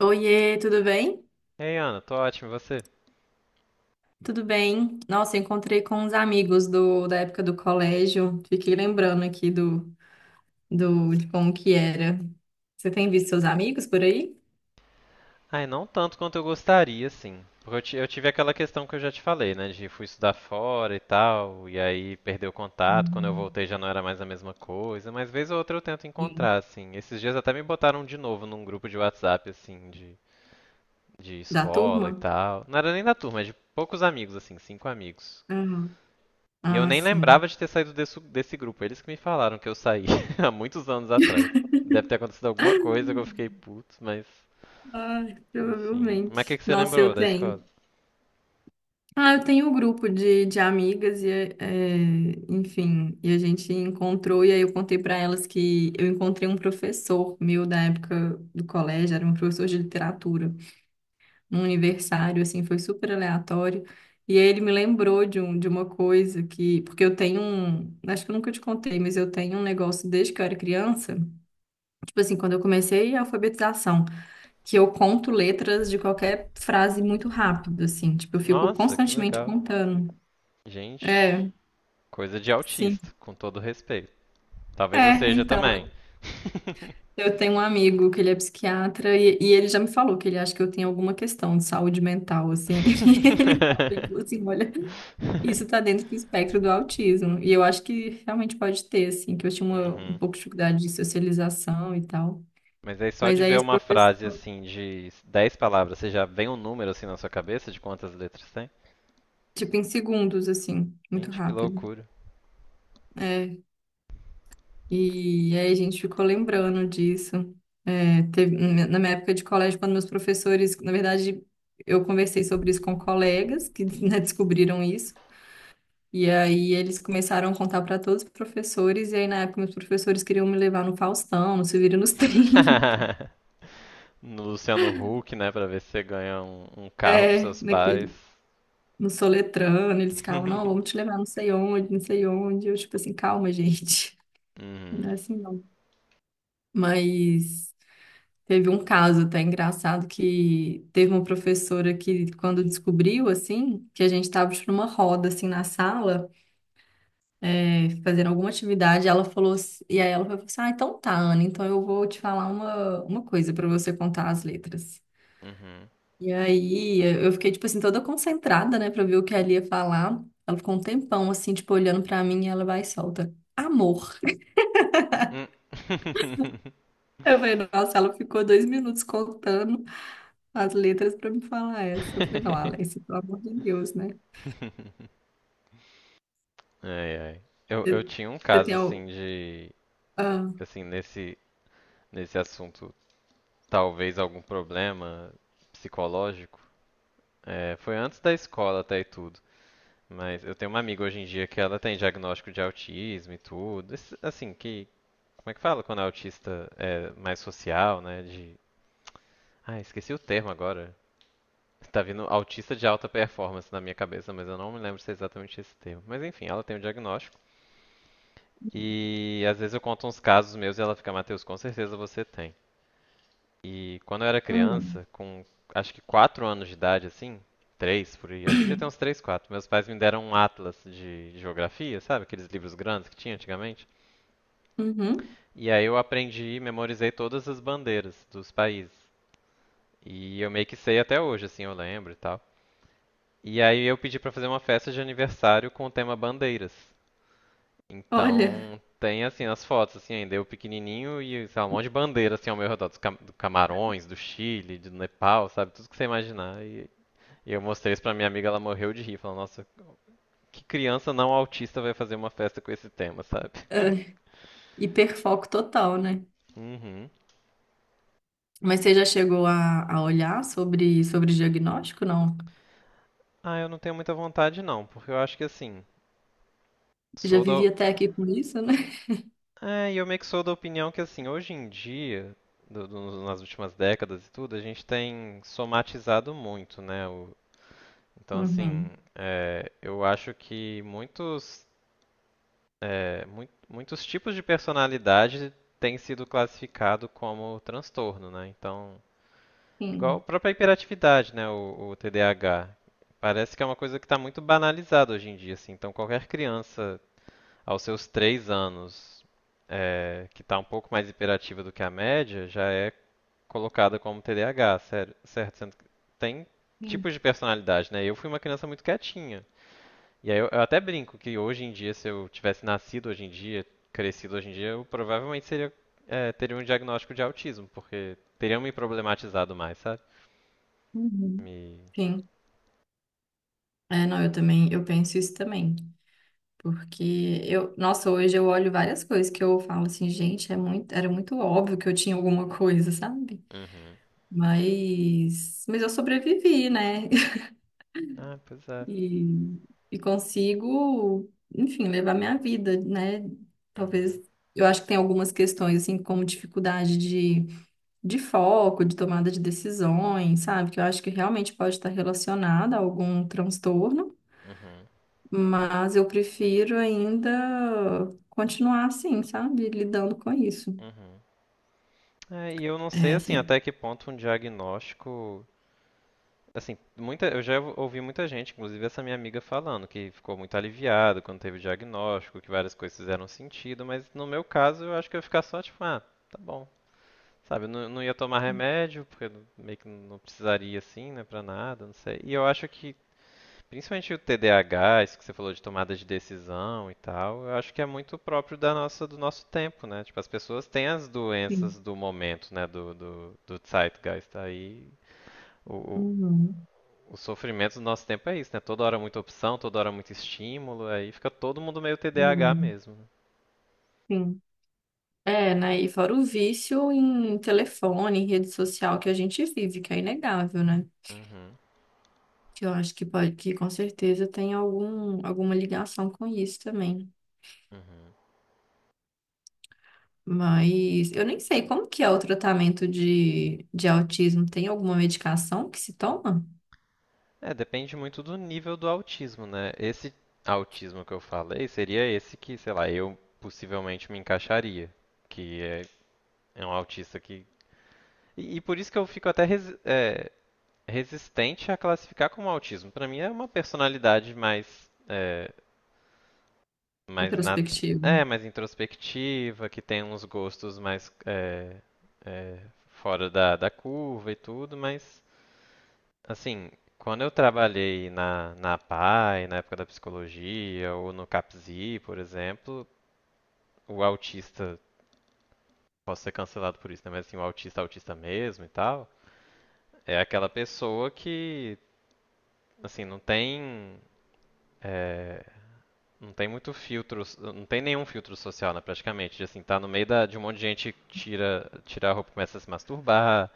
Oiê, tudo bem? Ei, Ana, tô ótimo, e você? Tudo bem. Nossa, encontrei com uns amigos da época do colégio. Fiquei lembrando aqui de como que era. Você tem visto seus amigos por aí? Ai, não tanto quanto eu gostaria, sim. Porque eu tive aquela questão que eu já te falei, né? De fui estudar fora e tal, e aí perdeu o contato. Quando eu Uhum. voltei já não era mais a mesma coisa, mas vez ou outra eu tento Sim. encontrar, assim. Esses dias até me botaram de novo num grupo de WhatsApp, assim, de Da escola e turma? tal. Não era nem da turma, é de poucos amigos, assim, cinco amigos. Uhum. E eu Ah, nem lembrava sim. de ter saído desse grupo. Eles que me falaram que eu saí há muitos anos atrás. Deve ter acontecido alguma coisa que eu fiquei puto, mas. Ai, Enfim. Mas o que, provavelmente. que você Nossa, eu lembrou da escola? tenho. Ah, eu tenho um grupo de amigas enfim, e a gente encontrou, e aí eu contei para elas que eu encontrei um professor meu da época do colégio, era um professor de literatura, num aniversário, assim, foi super aleatório, e aí ele me lembrou de uma coisa que, porque eu tenho um, acho que eu nunca te contei, mas eu tenho um negócio desde que eu era criança, tipo assim, quando eu comecei a alfabetização, que eu conto letras de qualquer frase muito rápido, assim, tipo, eu fico Nossa, que constantemente legal. contando. Gente, É. coisa de Sim. autista, com todo respeito. Talvez eu É, seja então, também. eu tenho um amigo que ele é psiquiatra e ele já me falou que ele acha que eu tenho alguma questão de saúde mental, assim. E ele falou assim, olha, isso tá dentro do espectro do autismo. E eu acho que realmente pode ter, assim, que eu tinha um Uhum. pouco de dificuldade de socialização e tal. Mas aí só Mas de aí ver esse uma frase professor, assim de 10 palavras, você já vem um número assim na sua cabeça de quantas letras tem? tipo, em segundos, assim, muito Gente, que rápido. loucura. É. E aí a gente ficou lembrando disso. É, na minha época de colégio, quando meus professores, na verdade, eu conversei sobre isso com colegas que, né, descobriram isso. E aí eles começaram a contar para todos os professores, e aí na época meus professores queriam me levar no Faustão, no Se Vira nos Trinta. No Luciano Huck, né, pra ver se você ganha um carro pros É, seus pais. No Soletrando, eles ficavam, não, vamos te levar não sei onde, não sei onde. Eu, tipo assim, calma, gente, não Uhum. é assim não. Mas. Teve um caso até engraçado que teve uma professora que, quando descobriu, assim, que a gente estava numa roda, assim, na sala, fazendo alguma atividade, ela falou, e aí ela falou assim, ah, então tá, Ana, então eu vou te falar uma coisa para você contar as letras. Uhum. E aí eu fiquei, tipo assim, toda concentrada, né, para ver o que ela ia falar. Ela ficou um tempão, assim, tipo, olhando para mim e ela vai e solta, amor. Hum. Eu falei, nossa, ela ficou dois minutos contando as letras para me falar essa. Eu falei, não, Alex, pelo amor de Deus, né? Ai, ai. Eu Você tinha um você caso tem assim o. de, Ah, assim, nesse assunto, talvez algum problema psicológico. É, foi antes da escola até e tudo. Mas eu tenho uma amiga hoje em dia que ela tem diagnóstico de autismo e tudo. Esse- Assim, que, como é que fala quando é autista é mais social, né? De, ah, esqueci o termo agora. Tá vindo autista de alta performance na minha cabeça, mas eu não me lembro se é exatamente esse termo. Mas enfim, ela tem o diagnóstico. E às vezes eu conto uns casos meus e ela fica, Matheus, com certeza você tem. E quando eu era hum, criança, com acho que 4 anos de idade, assim, 3, por aí, acho que já tem uns 3, 4. Meus pais me deram um atlas de geografia, sabe? Aqueles livros grandes que tinha antigamente. uhum. E aí eu aprendi, e memorizei todas as bandeiras dos países. E eu meio que sei até hoje, assim, eu lembro e tal. E aí eu pedi pra fazer uma festa de aniversário com o tema bandeiras. Olha, Então, tem assim as fotos assim ainda, eu pequenininho e sei lá, um monte de bandeira assim ao meu redor, dos Cam- do Camarões, do Chile, do Nepal, sabe? Tudo que você imaginar. E eu mostrei isso pra minha amiga, ela morreu de rir, falando, nossa, que criança não autista vai fazer uma festa com esse tema, sabe? ah, hiperfoco total, né? Uhum. Mas você já chegou a olhar sobre diagnóstico? Não. Ah, eu não tenho muita vontade não, porque eu acho que assim, Já sou da... vivi até aqui com isso, né? É, e eu meio que sou da opinião que assim, hoje em dia, do- do- nas últimas décadas e tudo, a gente tem somatizado muito, né, o- Então, assim, Uhum. é, eu acho que muitos, é, mui- muitos tipos de personalidade têm sido classificado como transtorno, né? Então, igual a Sim, própria hiperatividade, né? O TDAH. Parece que é uma coisa que está muito banalizada hoje em dia, assim. Então, qualquer criança aos seus três anos é, que está um pouco mais hiperativa do que a média já é colocada como TDAH, sério- certo? Sendo que tem sim. tipos de personalidade, né? Eu fui uma criança muito quietinha. E aí eu até brinco que hoje em dia, se eu tivesse nascido hoje em dia, crescido hoje em dia, eu provavelmente seria, eh, teria um diagnóstico de autismo, porque teriam me problematizado mais, sabe? Uhum. Me. Sim. É, não, eu também, eu penso isso também. Porque eu, nossa, hoje eu olho várias coisas que eu falo assim, gente, é muito, era muito óbvio que eu tinha alguma coisa, sabe? Uhum. Mas eu sobrevivi, né? Ah, pois é. E, e consigo, enfim, levar minha vida, né? Uhum. Talvez, eu acho que tem algumas questões, assim, como dificuldade de foco, de tomada de decisões, sabe? Que eu acho que realmente pode estar relacionada a algum transtorno, Uhum. mas eu prefiro ainda continuar assim, sabe? Lidando com isso. Uhum. É, e eu não sei É, assim assim. até que ponto um diagnóstico, assim, muita, eu já ouvi muita gente, inclusive essa minha amiga falando que ficou muito aliviado quando teve o diagnóstico, que várias coisas fizeram sentido, mas no meu caso eu acho que eu ia ficar só tipo, ah, tá bom. Sabe, eu não, não ia tomar remédio, porque eu meio que não precisaria assim, né, pra nada, não sei. E eu acho que, principalmente o TDAH, isso que você falou de tomada de decisão e tal, eu acho que é muito próprio da nossa, do nosso tempo, né? Tipo, as pessoas têm as Sim. doenças do momento, né, do zeitgeist aí. O, o, Uhum. o sofrimento do nosso tempo é isso, né? Toda hora muita opção, toda hora muito estímulo, aí fica todo mundo meio É, TDAH mesmo. Né? sim. É, né? E fora o vício em telefone, em rede social que a gente vive, que é inegável, né? Uhum, Que eu acho que pode, que com certeza tem algum, alguma ligação com isso também. uhum. É. Mas eu nem sei como que é o tratamento de autismo. Tem alguma medicação que se toma? É, depende muito do nível do autismo, né? Esse autismo que eu falei seria esse que, sei lá, eu possivelmente me encaixaria, que é, é um autista que. E por isso que eu fico até resi- é, resistente a classificar como autismo. Pra mim é uma personalidade mais, é, mais na, Introspectivo. é, mais introspectiva, que tem uns gostos mais é, é, fora da curva e tudo, mas Assim, quando eu trabalhei na PAI, na época da psicologia, ou no CAPSI, por exemplo, o autista, posso ser cancelado por isso, né? Mas assim, o autista, autista mesmo e tal, é aquela pessoa que, assim, não tem, é, não tem muito filtro, não tem nenhum filtro social, né, praticamente. De, assim, tá no meio de um monte de gente que tira a roupa, e começa a se masturbar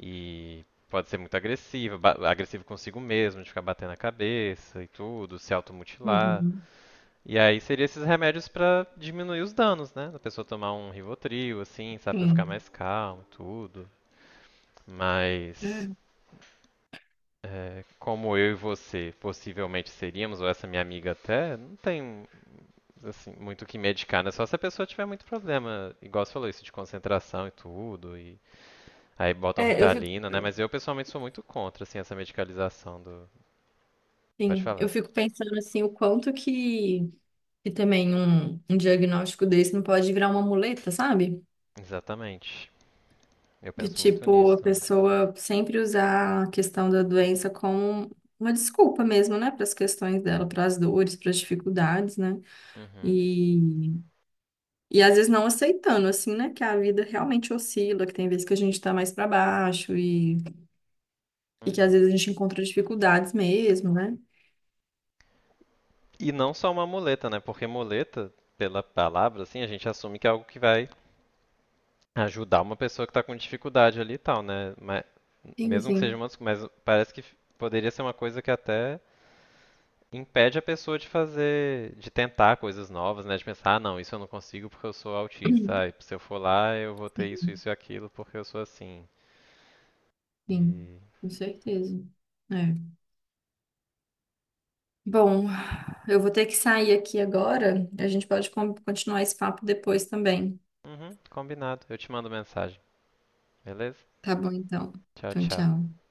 e pode ser muito agressiva, ba- agressivo consigo mesmo, de ficar batendo a cabeça e tudo, se automutilar. Uhum. E aí seria esses remédios pra diminuir os danos, né? Da pessoa tomar um Rivotril, assim, sabe, pra ficar Sim. mais calmo, tudo. Mas É. é, como eu e você possivelmente seríamos, ou essa minha amiga até, não tem assim, muito o que medicar, né? Só se a pessoa tiver muito problema, igual você falou isso de concentração e tudo, e aí botam É, eu fico. Ritalina, né? Mas eu pessoalmente sou muito contra assim essa medicalização do. Pode Sim, falar. eu fico pensando assim, o quanto que também um diagnóstico desse não pode virar uma muleta, sabe? Exatamente. Eu De penso muito tipo, nisso a também. pessoa sempre usar a questão da doença como uma desculpa mesmo, né, para as questões dela, para as dores, para as dificuldades, né? Uhum. E, e às vezes não aceitando, assim, né, que a vida realmente oscila, que tem vezes que a gente tá mais para baixo e que às Uhum. vezes a gente encontra dificuldades mesmo, né? E não só uma muleta, né? Porque muleta, pela palavra, assim, a gente assume que é algo que vai ajudar uma pessoa que está com dificuldade ali e tal, né? Mas, Sim, mesmo que seja sim. uma desculpa, mas parece que poderia ser uma coisa que até impede a pessoa de fazer, de tentar coisas novas, né? De pensar, ah, não, isso eu não consigo porque eu sou autista. Ah, e se eu for lá, eu vou ter Sim, isso, isso e aquilo porque eu sou assim. sim, E... com certeza. É. Bom, eu vou ter que sair aqui agora. A gente pode continuar esse papo depois também. Uhum, combinado. Eu te mando mensagem, beleza? Tá bom, então. Tchau, Então, tchau. tchau.